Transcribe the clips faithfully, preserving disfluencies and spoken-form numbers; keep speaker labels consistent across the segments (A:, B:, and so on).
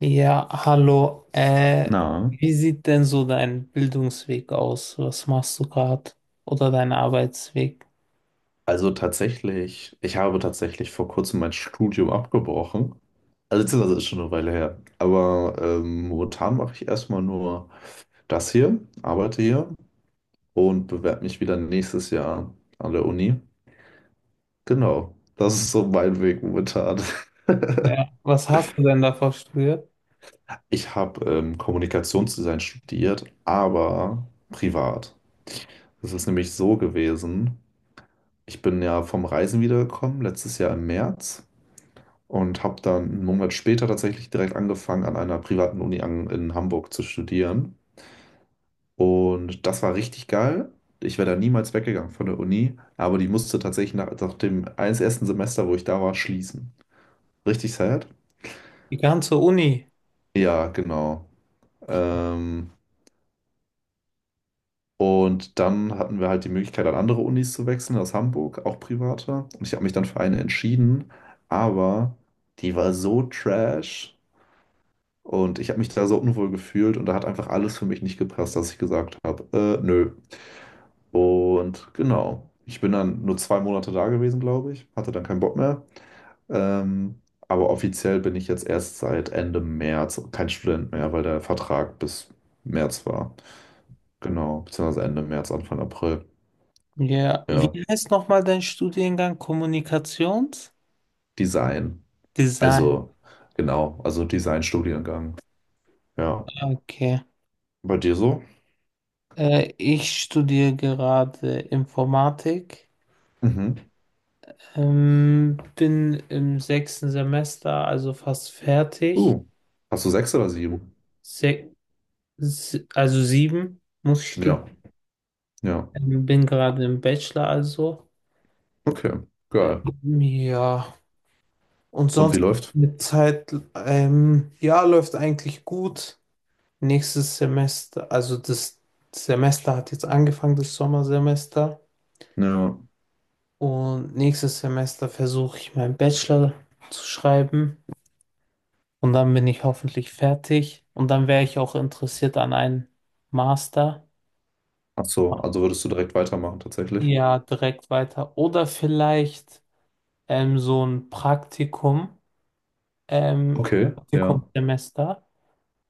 A: Ja, hallo. Äh,
B: Na,
A: wie sieht denn so dein Bildungsweg aus? Was machst du gerade? Oder dein Arbeitsweg?
B: also tatsächlich, ich habe tatsächlich vor kurzem mein Studium abgebrochen. Also beziehungsweise ist schon eine Weile her. Aber ähm, momentan mache ich erstmal nur das hier, arbeite hier und bewerbe mich wieder nächstes Jahr an der Uni. Genau, das ist so mein Weg momentan.
A: Ja, was hast du denn davor studiert?
B: Ich habe ähm, Kommunikationsdesign studiert, aber privat. Das ist nämlich so gewesen. Ich bin ja vom Reisen wiedergekommen, letztes Jahr im März, und habe dann einen Monat später tatsächlich direkt angefangen, an einer privaten Uni an, in Hamburg zu studieren. Und das war richtig geil. Ich wäre da niemals weggegangen von der Uni, aber die musste tatsächlich nach, nach dem eins- ersten Semester, wo ich da war, schließen. Richtig sad?
A: Die ganze Uni.
B: Ja, genau. Ähm, und dann hatten wir halt die Möglichkeit, an andere Unis zu wechseln, aus Hamburg, auch private. Und ich habe mich dann für eine entschieden, aber die war so trash. Und ich habe mich da so unwohl gefühlt und da hat einfach alles für mich nicht gepasst, dass ich gesagt habe, äh, nö. Und genau. Ich bin dann nur zwei Monate da gewesen, glaube ich. Hatte dann keinen Bock mehr. Ähm, aber offiziell bin ich jetzt erst seit Ende März kein Student mehr, weil der Vertrag bis März war. Genau. Beziehungsweise Ende März, Anfang April.
A: Ja, wie
B: Ja.
A: heißt nochmal dein Studiengang? Kommunikationsdesign.
B: Design. Also, genau. Also Design-Studiengang. Ja.
A: Okay.
B: Bei dir so?
A: Äh, ich studiere gerade Informatik.
B: Mhm.
A: Ähm, bin im sechsten Semester, also fast fertig.
B: Uh. Hast du sechs oder sieben?
A: Se se also sieben muss ich studieren.
B: Ja. Ja.
A: Ähm, bin gerade im Bachelor also.
B: Okay,
A: Ähm,
B: geil.
A: ja, und
B: Und wie
A: sonst
B: läuft?
A: eine Zeit, ähm, ja, läuft eigentlich gut. Nächstes Semester, also das Semester hat jetzt angefangen, das Sommersemester.
B: Ja.
A: Und nächstes Semester versuche ich meinen Bachelor zu schreiben. Und dann bin ich hoffentlich fertig. Und dann wäre ich auch interessiert an einem Master.
B: Ach so, also würdest du direkt weitermachen tatsächlich?
A: Ja, direkt weiter. Oder vielleicht ähm, so ein Praktikum. ähm,
B: Okay, ja.
A: Praktikumssemester,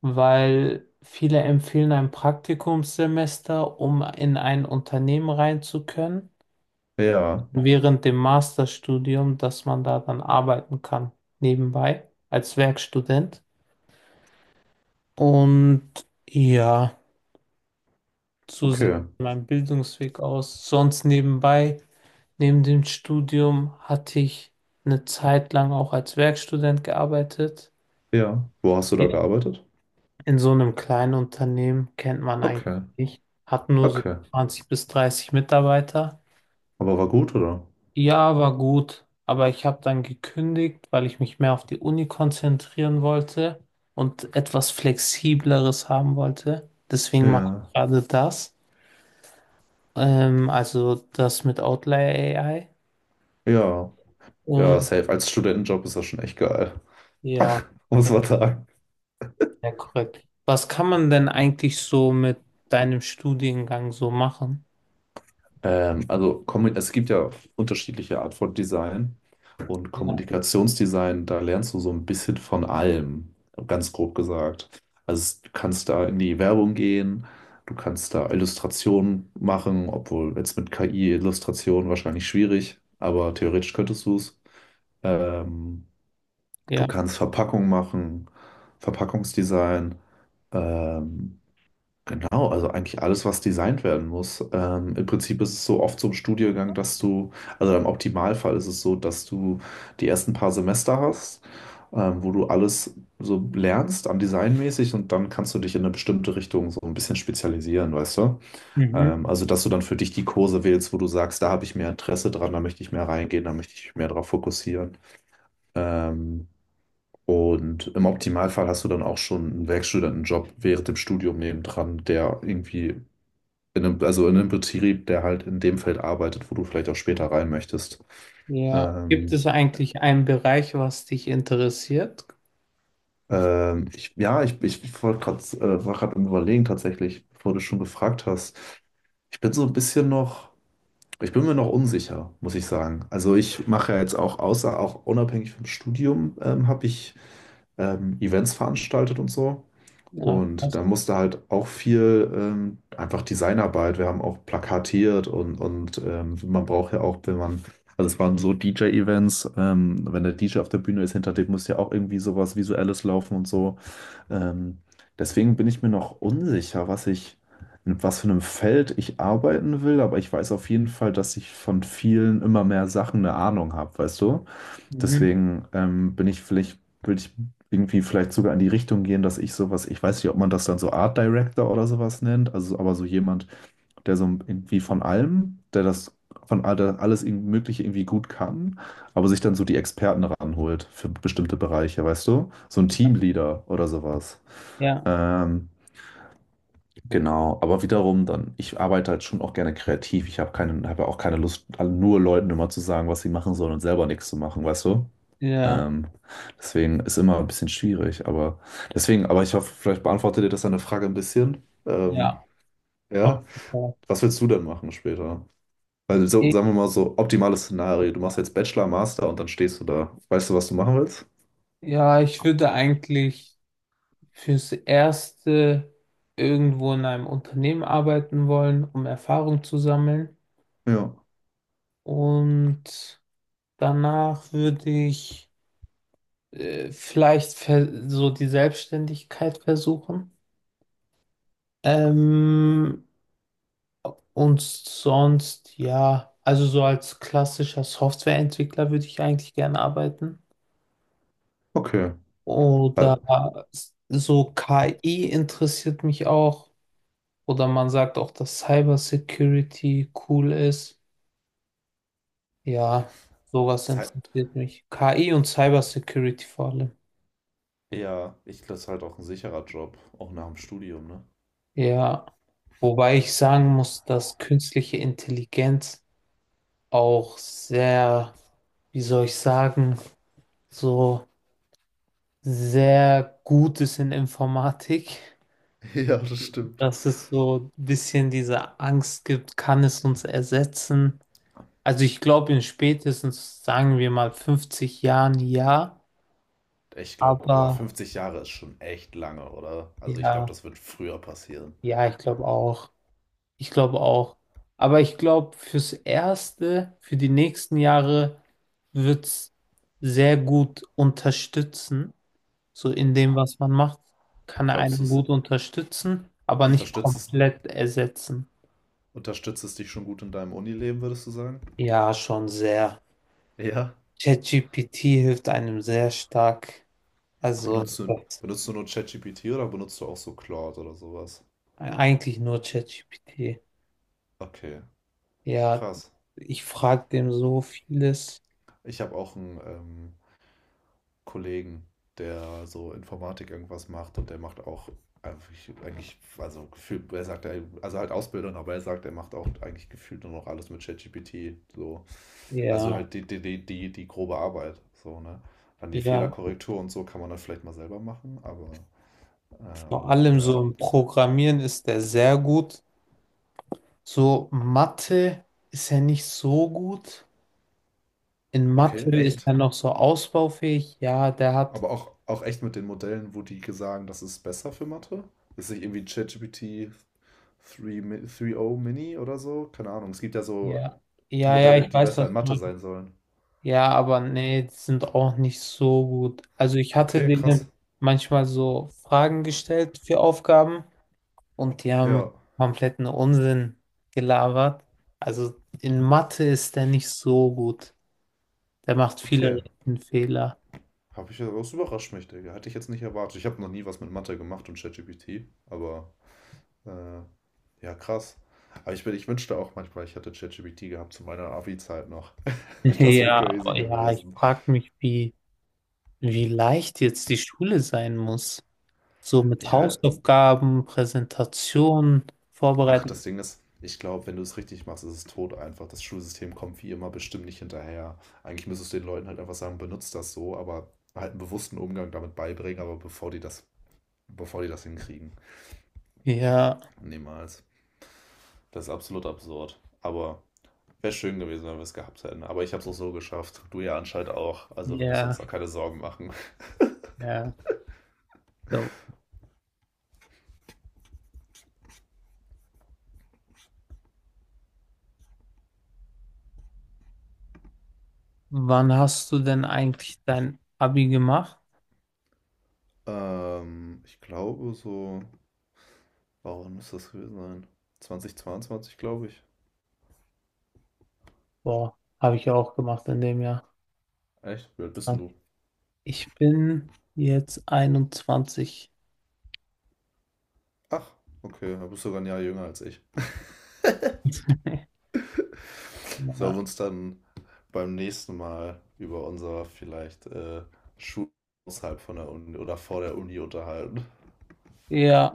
A: weil viele empfehlen ein Praktikumssemester, um in ein Unternehmen rein zu können,
B: Ja,
A: während dem Masterstudium, dass man da dann arbeiten kann, nebenbei als Werkstudent. Und ja, so sieht
B: okay.
A: mein Bildungsweg aus. Sonst nebenbei, neben dem Studium, hatte ich eine Zeit lang auch als Werkstudent gearbeitet.
B: Ja. Wo hast du da gearbeitet?
A: In so einem kleinen Unternehmen kennt man eigentlich
B: Okay,
A: nicht. Hat nur so
B: okay.
A: zwanzig bis dreißig Mitarbeiter.
B: Aber war gut, oder?
A: Ja, war gut. Aber ich habe dann gekündigt, weil ich mich mehr auf die Uni konzentrieren wollte und etwas Flexibleres haben wollte. Deswegen mache
B: Ja.
A: ich gerade das. Ähm, also das mit Outlier A I.
B: Ja. Ja,
A: Und
B: safe. Als Studentenjob ist das schon echt geil.
A: ja,
B: Muss
A: das
B: man sagen.
A: ist sehr korrekt. Was kann man denn eigentlich so mit deinem Studiengang so machen?
B: Ähm, also kommu- es gibt ja unterschiedliche Art von Design und
A: Ja,
B: Kommunikationsdesign, da lernst du so ein bisschen von allem, ganz grob gesagt. Also es- du kannst da in die Werbung gehen, du kannst da Illustrationen machen, obwohl jetzt mit K I Illustrationen wahrscheinlich schwierig, aber theoretisch könntest du es. Ähm, du
A: ja.
B: kannst Verpackung machen, Verpackungsdesign. Ähm, Oh, also eigentlich alles, was designt werden muss. Ähm, im Prinzip ist es so oft so im Studiengang, dass du, also im Optimalfall ist es so, dass du die ersten paar Semester hast, ähm, wo du alles so lernst an designmäßig und dann kannst du dich in eine bestimmte Richtung so ein bisschen spezialisieren, weißt du?
A: Mhm.
B: Ähm, also, dass du dann für dich die Kurse wählst, wo du sagst, da habe ich mehr Interesse dran, da möchte ich mehr reingehen, da möchte ich mich mehr darauf fokussieren. Ähm, und im Optimalfall hast du dann auch schon einen Werkstudentenjob während dem Studium nebendran, der irgendwie in einem, also in einem Betrieb, der halt in dem Feld arbeitet, wo du vielleicht auch später rein möchtest.
A: Ja. Gibt
B: Ähm,
A: es eigentlich einen Bereich, was dich interessiert?
B: ähm, ich, ja, ich, ich wollte gerade äh, war gerade am Überlegen tatsächlich, bevor du schon gefragt hast. Ich bin so ein bisschen noch, ich bin mir noch unsicher, muss ich sagen. Also ich mache ja jetzt auch, außer auch unabhängig vom Studium, ähm, habe ich ähm, Events veranstaltet und so.
A: Ja,
B: Und da
A: krass.
B: musste halt auch viel ähm, einfach Designarbeit. Wir haben auch plakatiert und, und ähm, man braucht ja auch, wenn man, also es waren so D J-Events, ähm, wenn der D J auf der Bühne ist, hinter dem muss ja auch irgendwie sowas Visuelles laufen und so. Ähm, Deswegen bin ich mir noch unsicher, was ich, in was für einem Feld ich arbeiten will, aber ich weiß auf jeden Fall, dass ich von vielen immer mehr Sachen eine Ahnung habe, weißt du?
A: Mhm.
B: Deswegen ähm, bin ich vielleicht, würde ich irgendwie vielleicht sogar in die Richtung gehen, dass ich sowas, ich weiß nicht, ob man das dann so Art Director oder sowas nennt, also aber so jemand, der so irgendwie von allem, der das von all- der alles irgendwie Mögliche irgendwie gut kann, aber sich dann so die Experten ranholt für bestimmte Bereiche, weißt du? So ein Teamleader oder sowas.
A: Ja,
B: Ähm, genau, aber wiederum dann, ich arbeite halt schon auch gerne kreativ. Ich habe keine, habe auch keine Lust, nur Leuten immer zu sagen, was sie machen sollen und selber nichts zu machen, weißt du?
A: ja,
B: Ähm, Deswegen ist immer ein bisschen schwierig, aber deswegen, aber ich hoffe, vielleicht beantwortet ihr das deine Frage ein bisschen. Ähm,
A: ja. Auf
B: ja,
A: jeden Fall.
B: was willst du denn machen später? Weil so,
A: Ich,
B: sagen wir mal so, optimales Szenario, du machst jetzt Bachelor, Master und dann stehst du da. Weißt du, was du machen willst?
A: ja, ich würde eigentlich fürs Erste irgendwo in einem Unternehmen arbeiten wollen, um Erfahrung zu sammeln.
B: Ja,
A: Und danach würde ich äh, vielleicht ver- so die Selbstständigkeit versuchen. Ähm, Und sonst, ja, also so als klassischer Softwareentwickler würde ich eigentlich gerne arbeiten.
B: okay.
A: Oder
B: Ja,
A: so K I interessiert mich auch. Oder man sagt auch, dass Cybersecurity cool ist. Ja, sowas
B: ist halt,
A: interessiert mich. K I und Cybersecurity vor allem.
B: ja, ich glaube, es ist halt auch ein sicherer Job, auch nach dem Studium, ne?
A: Ja, wobei ich sagen muss, dass künstliche Intelligenz auch sehr, wie soll ich sagen, so sehr gut ist in Informatik.
B: Ja,
A: Mhm.
B: stimmt.
A: Dass es so ein bisschen diese Angst gibt, kann es uns ersetzen? Also ich glaube in spätestens, sagen wir mal, fünfzig Jahren ja,
B: Ich glaube, aber
A: aber
B: fünfzig Jahre ist schon echt lange, oder? Also ich glaube,
A: ja,
B: das wird früher passieren.
A: ja, ich glaube auch. Ich glaube auch. Aber ich glaube, fürs Erste, für die nächsten Jahre wird es sehr gut unterstützen. So in dem, was man macht, kann er
B: Glaubst du
A: einen
B: es,
A: gut unterstützen, aber nicht
B: unterstützt es
A: komplett ersetzen.
B: Unterstützt es dich schon gut in deinem Unileben, würdest du sagen?
A: Ja, schon sehr.
B: Ja.
A: ChatGPT hilft einem sehr stark. Also
B: Benutzt du,
A: das,
B: benutzt du nur ChatGPT oder benutzt du auch so Claude oder sowas?
A: eigentlich nur ChatGPT.
B: Okay,
A: Ja,
B: krass.
A: ich frage dem so vieles.
B: Ich habe auch einen ähm, Kollegen, der so Informatik irgendwas macht und der macht auch eigentlich, eigentlich, also gefühlt, er sagt, er- also halt Ausbildung, aber er sagt, er macht auch eigentlich gefühlt nur noch alles mit ChatGPT. So. Also
A: Ja,
B: halt die, die, die, die, die grobe Arbeit. So, ne? Dann die
A: ja,
B: Fehlerkorrektur und so kann man dann vielleicht mal selber machen, aber
A: vor
B: ähm,
A: allem so
B: ja.
A: im Programmieren ist er sehr gut. So Mathe ist er nicht so gut. In
B: Okay,
A: Mathe ist
B: echt?
A: er noch so ausbaufähig. Ja, der hat.
B: Aber auch, auch echt mit den Modellen, wo die sagen, das ist besser für Mathe? Ist nicht irgendwie ChatGPT drei, Mi- drei Punkt null Mini oder so? Keine Ahnung. Es gibt ja so
A: Ja. Ja, ja,
B: Modelle,
A: ich
B: die
A: weiß,
B: besser
A: was
B: in
A: du
B: Mathe
A: meinst.
B: sein sollen.
A: Ja, aber nee, die sind auch nicht so gut. Also ich hatte
B: Okay, krass.
A: denen manchmal so Fragen gestellt für Aufgaben und die haben
B: Ja,
A: kompletten Unsinn gelabert. Also in Mathe ist der nicht so gut. Der macht viele
B: okay.
A: Fehler.
B: Habe ich, das überrascht mich, Digga. Hätte ich jetzt nicht erwartet. Ich habe noch nie was mit Mathe gemacht und ChatGPT, aber äh, ja, krass. Aber ich, bin- ich wünschte auch manchmal, ich hätte ChatGPT gehabt zu meiner Abi-Zeit noch. Das wäre
A: Ja,
B: crazy
A: aber ja, ich
B: gewesen.
A: frage mich, wie, wie leicht jetzt die Schule sein muss. So mit
B: Ja,
A: Hausaufgaben, Präsentationen
B: ach,
A: vorbereiten.
B: das Ding ist, ich glaube, wenn du es richtig machst, ist es tot einfach. Das Schulsystem kommt wie immer bestimmt nicht hinterher. Eigentlich müsstest du den Leuten halt einfach sagen, benutzt das so, aber halt einen bewussten Umgang damit beibringen, aber bevor die das, bevor die das hinkriegen.
A: Ja,
B: Niemals. Das ist absolut absurd. Aber wäre schön gewesen, wenn wir es gehabt hätten. Aber ich habe es auch so geschafft. Du ja anscheinend auch. Also wir müssen uns
A: ja.
B: da keine Sorgen machen.
A: Ja. So. Wann hast du denn eigentlich dein Abi gemacht?
B: Ähm, ich glaube so, warum muss das gewesen sein? zwanzig zweiundzwanzig, glaube ich.
A: Boah, habe ich ja auch gemacht in dem Jahr.
B: Echt? Wie alt bist denn du?
A: Ich bin jetzt einundzwanzig.
B: Ach, okay, du bist sogar ein Jahr jünger als ich. Sollen
A: Ja,
B: wir uns dann beim nächsten Mal über unser vielleicht äh, Schul außerhalb von der Uni oder vor der Uni unterhalten?
A: ja,